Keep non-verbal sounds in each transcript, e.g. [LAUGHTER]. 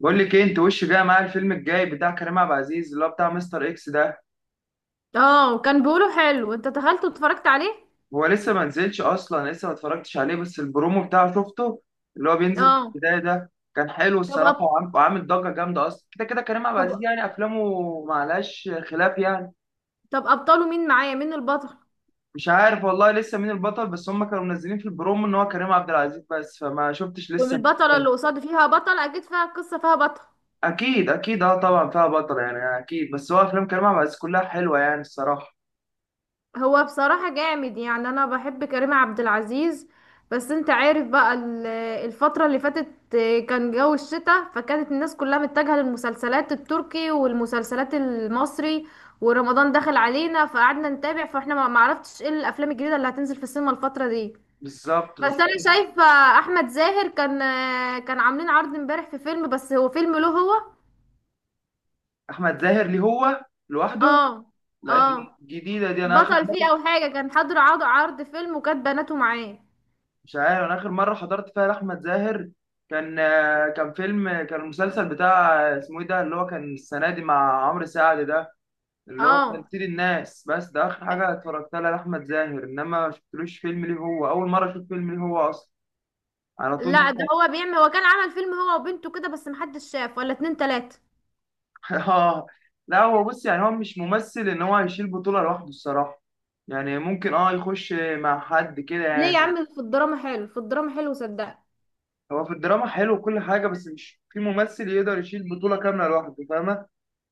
بقول لك ايه؟ انت وش جاي معايا الفيلم الجاي بتاع كريم عبد العزيز اللي هو بتاع مستر اكس ده. اه، كان بيقولوا حلو. انت دخلت واتفرجت عليه؟ هو لسه ما نزلش اصلا، لسه ما اتفرجتش عليه بس البرومو بتاعه شفته، اللي هو بينزل في اه البدايه ده. كان حلو طب الصراحه، أب... وعامل ضجه جامده. اصلا كده كده كريم عبد العزيز طب يعني افلامه معلهاش خلاف يعني. طب ابطاله مين معايا؟ مين البطل؟ مش عارف والله لسه مين البطل، بس هم كانوا منزلين في البرومو ان هو كريم عبد العزيز بس، فما شفتش لسه مين والبطلة تاني. اللي قصاد فيها بطل، اكيد فيها قصة، فيها بطل. اكيد اكيد اه، طبعا فيها بطل يعني اكيد، بس هو افلام كريم عبد العزيز كلها حلوه يعني الصراحه. هو بصراحة جامد، يعني انا بحب كريم عبد العزيز. بس انت عارف بقى، الفترة اللي فاتت كان جو الشتاء، فكانت الناس كلها متجهة للمسلسلات التركي والمسلسلات المصري، ورمضان دخل علينا فقعدنا نتابع، فاحنا ما عرفتش ايه الافلام الجديدة اللي هتنزل في السينما الفترة دي. بالظبط بس انا بالظبط. شايفه احمد زاهر كان عاملين عرض امبارح في فيلم، بس هو فيلم له هو. احمد زاهر ليه هو لوحده؟ اه، لا، ج- اه، جديده دي، انا اخر بطل فيه مره. او حاجه، كان حضر عرض فيلم وكانت بناته معاه. مش عارف، انا اخر مره حضرت فيها لاحمد زاهر كان كان فيلم، كان المسلسل بتاع اسمه ايه ده اللي هو كان السنه دي مع عمرو سعد ده، اللي هو كان اه، سيد الناس. بس ده اخر حاجه اتفرجت لها لاحمد زاهر، انما ما شفتلوش فيلم ليه هو. اول مره اشوف فيلم ليه هو اصلا على طول لا ده مثلا. هو كان عمل فيلم هو وبنته كده، بس محدش شاف، ولا اتنين تلاته. [LAUGHS] اه. لا هو بص، يعني هو مش ممثل ان هو هيشيل بطوله لوحده الصراحه، يعني ممكن اه يخش مع حد كده ليه يا يعني. عم، في الدراما حلو، في الدراما حلو صدق. هو في الدراما حلو وكل حاجة، بس مش في ممثل يقدر يشيل بطولة كاملة لوحده، فاهمة؟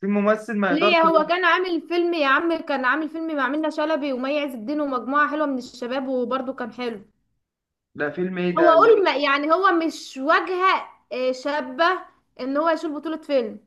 في ممثل ما يقدرش ليه هو لوحده. كان عامل فيلم يا عم، كان عامل فيلم مع منة شلبي ومي عز الدين ومجموعه حلوه من الشباب، وبرده كان حلو. ده فيلم ايه هو ده اللي اقول ما إيه؟ يعني هو مش واجهة شابة ان هو يشيل بطولة فيلم.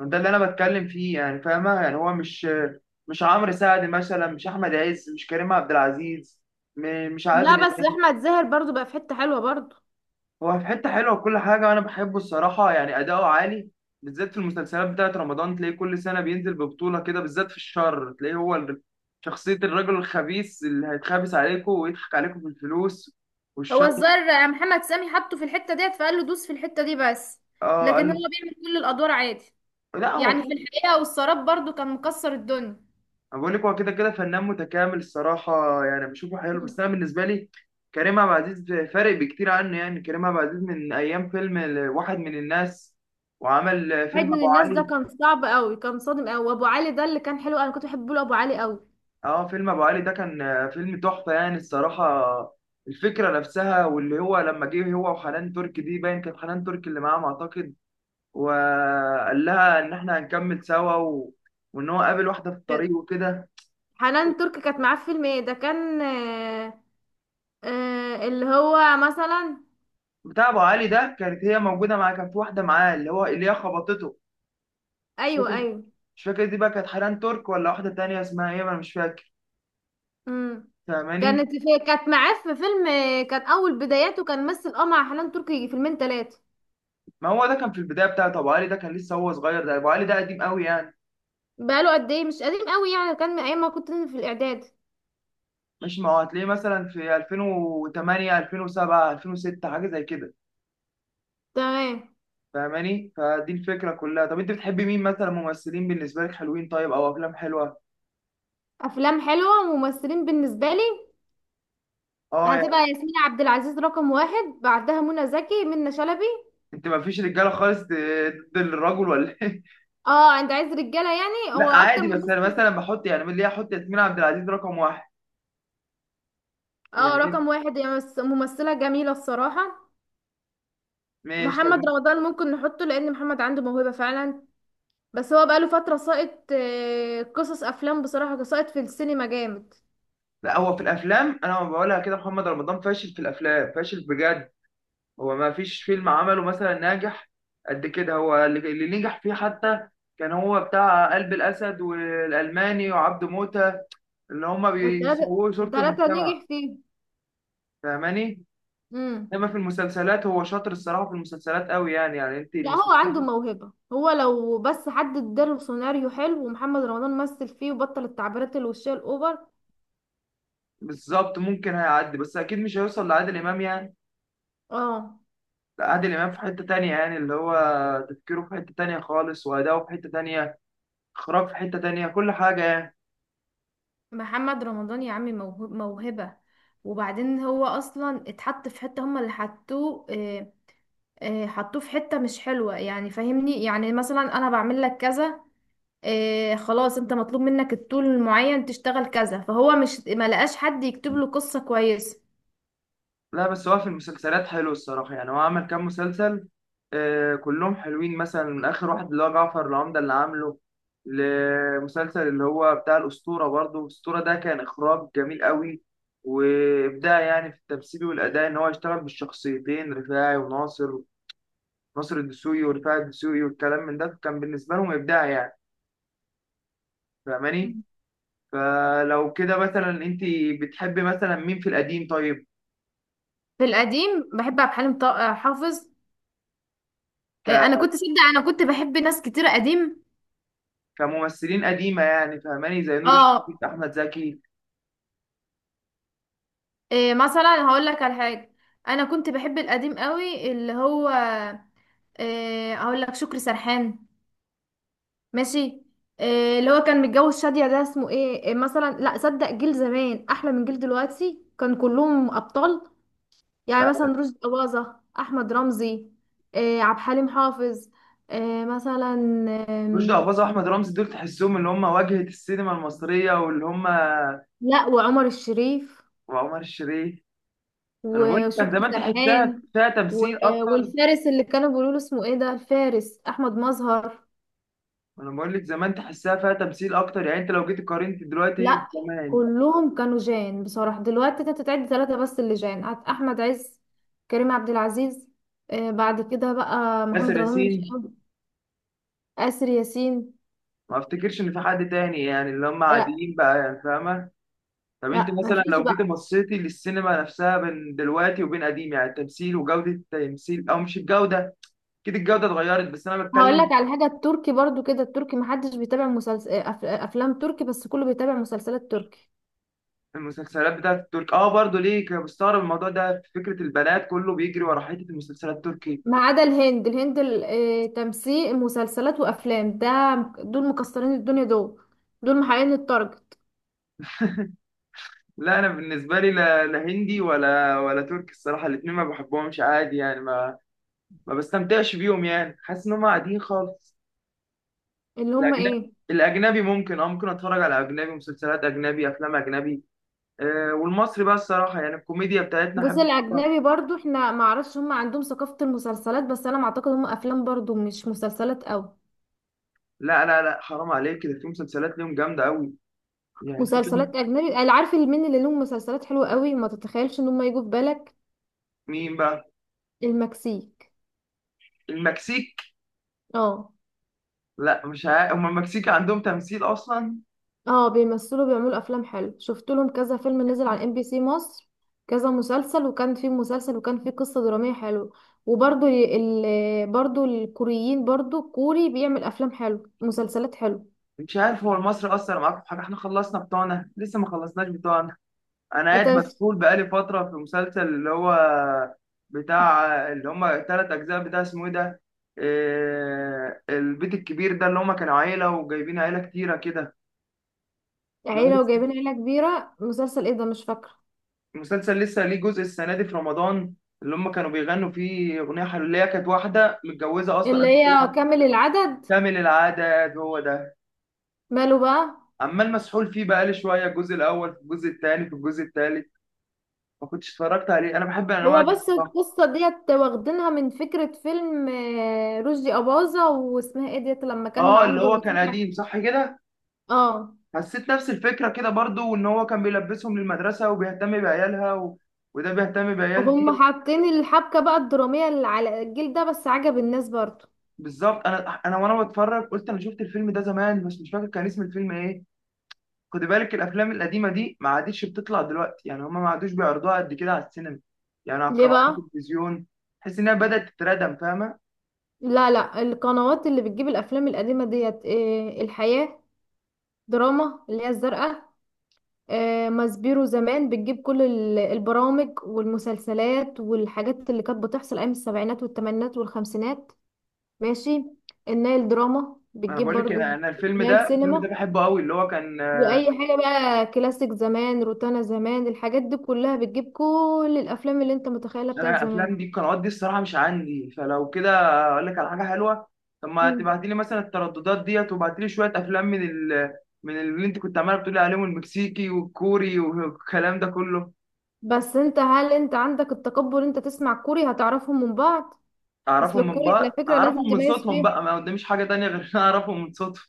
ده اللي انا بتكلم فيه يعني، فاهمة؟ يعني هو مش، مش عمرو سعد مثلا، مش احمد عز، مش كريم عبد العزيز، مش لا عادل بس امام. احمد زاهر برضو بقى في حتة حلوة برضو. هو في حتة حلوة وكل حاجة، وانا بحبه الصراحة يعني اداؤه عالي، بالذات في المسلسلات بتاعت رمضان تلاقيه كل سنة بينزل ببطولة كده، بالذات في الشر تلاقيه هو شخصية الرجل الخبيث اللي هيتخابس عليكم ويضحك عليكم في الفلوس هو والشر. الزر، محمد سامي حطه في الحتة ديت فقال له دوس في الحتة دي بس. اه قال لكن له. هو بيعمل كل الادوار عادي. لا هو يعني في كده. الحقيقة والسراب برضو كان مكسر الدنيا. انا بقول لك هو كده كده فنان متكامل الصراحه، يعني بشوفه حلو، بس مم. انا بالنسبه لي كريم عبد العزيز فارق بكتير عنه. يعني كريم عبد العزيز من ايام فيلم واحد من الناس، وعمل عيد فيلم من ابو الناس ده علي. كان صعب قوي، كان صادم قوي. وابو علي ده اللي كان حلو، انا كنت بحب له ابو علي قوي. اه فيلم ابو علي ده كان فيلم تحفه يعني الصراحه. الفكره نفسها، واللي هو لما جه هو وحنان تركي دي، باين كانت حنان تركي اللي معاهم اعتقد، وقال لها ان احنا هنكمل سوا و... وان هو قابل واحده في الطريق كان- وكده. حنان ترك كانت معاه في فيلم ايه ده كان. اللي هو مثلا. بتاع ابو علي ده كانت هي موجوده معاه، كان في واحده معاه اللي هو اللي هي خبطته. مش ايوه، فاكر، ايوه. مش فاكر دي بقى كانت حنان ترك ولا واحده تانية اسمها ايه، ما انا مش فاكر. امم. فاهماني؟ كانت معاه في فيلم، كان اول بداياته، كان مثل مع حنان تركي فيلمين ثلاثه. ما هو ده كان في البدايه بتاعته، ابو علي ده كان لسه هو صغير، ده ابو علي ده قديم قوي يعني. بقاله قد ايه؟ مش قديم قوي، يعني كان من ايام ما كنت في الاعداد. مش، ما هو هتلاقيه مثلا في 2008 2007 2006 حاجه زي كده. تمام. فاهماني؟ فدي الفكره كلها. طب انت بتحبي مين مثلا ممثلين بالنسبه لك حلوين، طيب، او افلام حلوه؟ افلام حلوه وممثلين بالنسبه لي، اه هتبقى يعني ياسمين عبد العزيز رقم واحد، بعدها منى زكي، منى شلبي. انت ما فيش رجاله خالص، ضد الرجل ولا إيه؟ اه، انت عايز رجاله؟ يعني هو لا اكتر عادي، بس انا ممثل. مثلا بحط يعني، من ليه احط ياسمين عبد العزيز رقم واحد؟ يعني اه، رقم ايه؟ واحد، هي ممثله جميله الصراحه. ماشي طب. محمد رمضان ممكن نحطه، لان محمد عنده موهبه فعلا. بس هو بقاله فترة ساقط، قصص أفلام بصراحة، ساقط في السينما جامد. لا هو في الافلام انا ما بقولها كده، محمد رمضان فاشل في الافلام فاشل بجد. هو ما فيش فيلم عمله مثلا ناجح قد كده. هو اللي نجح فيه حتى كان هو بتاع قلب الاسد والالماني وعبد موتة، اللي هما والتلاتة بيسووا صورة التلاتة المجتمع. نجح فيه. فاهماني؟ مم. انما في المسلسلات هو شاطر الصراحة، في المسلسلات قوي يعني، يعني انت لا هو المسلسلات عنده موهبة، هو لو بس حد اداله سيناريو حلو ومحمد رمضان مثل فيه، وبطل التعبيرات الوشية الأوفر. بالظبط ممكن هيعدي. بس اكيد مش هيوصل لعادل امام يعني. اه. لا عادل إمام في حتة تانية يعني، اللي هو تفكيره في حتة تانية خالص، وأداؤه في حتة تانية، إخراج في حتة تانية، كل حاجة يعني. محمد رمضان يا عمي، موهبة. وبعدين هو أصلا اتحط في حتة، هما اللي حطوه، حطوه في حتة مش حلوة يعني، فاهمني؟ يعني مثلا، أنا بعمل لك كذا، إيه خلاص، انت مطلوب منك الطول المعين تشتغل كذا، فهو مش ما لقاش حد يكتب له قصة كويسة. لا بس هو في المسلسلات حلو الصراحة، يعني هو عمل كام مسلسل آه كلهم حلوين، مثلا من آخر واحد اللي هو جعفر العمدة اللي عامله، لمسلسل اللي هو بتاع الأسطورة برضه. الأسطورة ده كان إخراج جميل قوي، وإبداع يعني في التمثيل والأداء، إن هو يشتغل بالشخصيتين رفاعي وناصر، ناصر الدسوقي ورفاعي الدسوقي، والكلام من ده كان بالنسبة لهم إبداع يعني، فاهماني؟ مم. فلو كده مثلا انت بتحبي مثلا مين في القديم طيب؟ في القديم بحب عبد الحليم حافظ. ك... إيه، انا كنت صدق، انا كنت بحب ناس كتير قديم. كممثلين قديمه يعني، فاهماني؟ زي نور اه. الشريف، احمد زكي، إيه مثلا، هقول لك على حاجة. انا كنت بحب القديم قوي، اللي هو، إيه، هقول لك شكري سرحان. ماشي. إيه اللي هو كان متجوز شادية ده، اسمه ايه، إيه مثلا؟ لا صدق، جيل زمان احلى من جيل دلوقتي، كان كلهم ابطال. يعني مثلا رشدي أباظة، أحمد رمزي، عبد الحليم حافظ، مثلا. رشدي آم، اباظه، احمد رمزي، دول تحسهم اللي هم واجهه السينما المصريه واللي هم، لا، وعمر الشريف، وعمر الشريف. انا بقول لك كان وشكري زمان تحسها سرحان، فيها و- تمثيل اكتر. والفارس اللي كانوا بيقولوا له اسمه ايه ده، الفارس أحمد مظهر. انا بقول لك زمان تحسها فيها تمثيل اكتر يعني، انت لو جيت قارنت دلوقتي لا زمان. كلهم كانوا جان بصراحة. دلوقتي انت تعد ثلاثة بس اللي جان، أحمد عز، كريم عبد العزيز، بعد كده بقى ياسر محمد رمضان مش ياسين. قوي، آسر ياسين. ما افتكرش ان في حد تاني يعني، اللي هم لا، عاديين بقى يعني، فاهمه. طب انت لا، مثلا مفيش لو جيت بقى. بصيتي للسينما نفسها بين دلوقتي وبين قديم، يعني التمثيل وجودة التمثيل، او مش الجودة كده، الجودة اتغيرت، بس انا هقول بتكلم. لك على حاجة، التركي برضو كده، التركي محدش بيتابع مسلسل أف... آه، أفلام تركي، بس كله بيتابع مسلسلات تركي. في المسلسلات بتاعت الترك اه برضه ليه كنت بستغرب الموضوع ده، في فكرة البنات كله بيجري ورا حتة المسلسلات التركي. ما عدا الهند، الهند تمثيل مسلسلات وأفلام ده، دول مكسرين الدنيا دول محققين التارجت. لا انا بالنسبة لي، لا, لا هندي ولا ولا تركي الصراحة، الاتنين ما بحبهمش عادي يعني، ما بستمتعش بيهم يعني، حاسس ان هم قاعدين خالص. اللي هم الاجنبي، ايه؟ الاجنبي ممكن، اه ممكن اتفرج على اجنبي، مسلسلات اجنبي افلام اجنبي، والمصري بقى الصراحه يعني الكوميديا بتاعتنا بص، احب أتفرج. الأجنبي برضو، احنا ما اعرفش هم عندهم ثقافة المسلسلات، بس أنا ما أعتقد، هم أفلام برضو مش مسلسلات أوي. لا لا لا حرام عليك كده، في مسلسلات ليهم جامده قوي، يعني في كام. مسلسلات أجنبي، أنا عارف مين اللي لهم مسلسلات حلوة أوي، ما تتخيلش إن هم يجوا في بالك. مين بقى؟ المكسيك. المكسيك؟ اه، لا مش عارف، هم المكسيك عندهم تمثيل اصلا؟ اه، بيمثلوا، بيعملوا افلام حلو، شفت لهم كذا فيلم نزل على ام بي سي مصر، كذا مسلسل، وكان في مسلسل وكان في قصة درامية حلوة. وبرضو برضو الكوريين، برضو كوري بيعمل افلام حلو، مسلسلات حلو. مش عارف، هو المصري اثر معاكم في حاجه، احنا خلصنا بتوعنا، لسه ما خلصناش بتوعنا. انا قاعد انت، مسحول بقالي فتره في مسلسل اللي هو بتاع، اللي هم ثلاث اجزاء بتاع اسمه ايه ده، البيت الكبير ده اللي هم كانوا عيله وجايبين عيله كتيره كده. لو عيلة وجايبين عيلة كبيرة مسلسل ايه ده؟ مش فاكرة المسلسل لسه ليه جزء السنه دي في رمضان، اللي هم كانوا بيغنوا فيه اغنيه حلوليه، كانت واحده متجوزه اصلا اللي قبل هي كده. كامل العدد. كامل العدد هو ده. ماله بقى؟ عمال مسحول فيه بقالي شويه الجزء الاول، في الجزء الثاني، في الجزء الثالث. ما كنتش اتفرجت عليه، انا بحب الانواع هو دي بس الصراحه. القصة ديت واخدينها من فكرة فيلم رشدي أباظة، واسمها ايه ديت، لما كان اه اللي عنده هو كان قديم صح كده. اه. حسيت نفس الفكره كده برضو، وان هو كان بيلبسهم للمدرسه وبيهتم بعيالها و... وده بيهتم بعيال دي. هم حاطين الحبكة بقى الدرامية اللي على الجيل ده، بس عجب الناس برضو. بالظبط. انا وانا بتفرج قلت انا شفت الفيلم ده زمان بس مش فاكر كان اسم الفيلم ايه. خد بالك الافلام القديمه دي ما عادتش بتطلع دلوقتي، يعني هما ما عادوش بيعرضوها قد كده على السينما، يعني على ليه قنوات بقى؟ التلفزيون. تحس انها بدات تتردم، فاهمه؟ لا، لا، القنوات اللي بتجيب الأفلام القديمة ديت، إيه الحياة دراما اللي هي الزرقاء، إيه ماسبيرو زمان بتجيب كل البرامج والمسلسلات والحاجات اللي كانت بتحصل أيام السبعينات والثمانينات والخمسينات. ماشي. النايل دراما انا بتجيب بقول لك برضو، انا الفيلم نايل ده، الفيلم سينما، ده بحبه قوي اللي هو كان. واي حاجه بقى كلاسيك زمان، روتانا زمان، الحاجات دي كلها بتجيب كل الافلام اللي انت متخيلها بتاعت انا الافلام زمان. دي القنوات دي الصراحه مش عندي، فلو كده اقول لك على حاجه حلوه. طب ما مم. تبعتي لي مثلا الترددات ديت، وبعتي لي شويه افلام من من اللي انت كنت عماله بتقولي عليهم المكسيكي والكوري والكلام ده كله. بس هل انت عندك التقبل، انت تسمع كوري هتعرفهم من بعض؟ اصل اعرفهم من الكوري على بعض، فكره لازم اعرفهم من تميز صوتهم فيه. بقى، ما قداميش حاجه تانية غير ان أنا اعرفهم من صوتهم.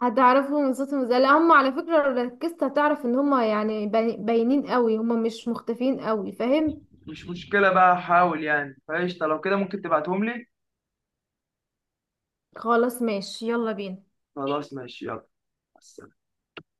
هتعرفهم من صوتهم، زي، لا هم على فكره لو ركزت هتعرف ان هم يعني باينين قوي، هم مش مختفيين قوي، فاهم؟ مش مشكلة بقى، هحاول يعني، فقشطة لو كده ممكن تبعتهم لي. خلاص، ماشي، يلا بينا. خلاص ماشي يلا. مع السلامة.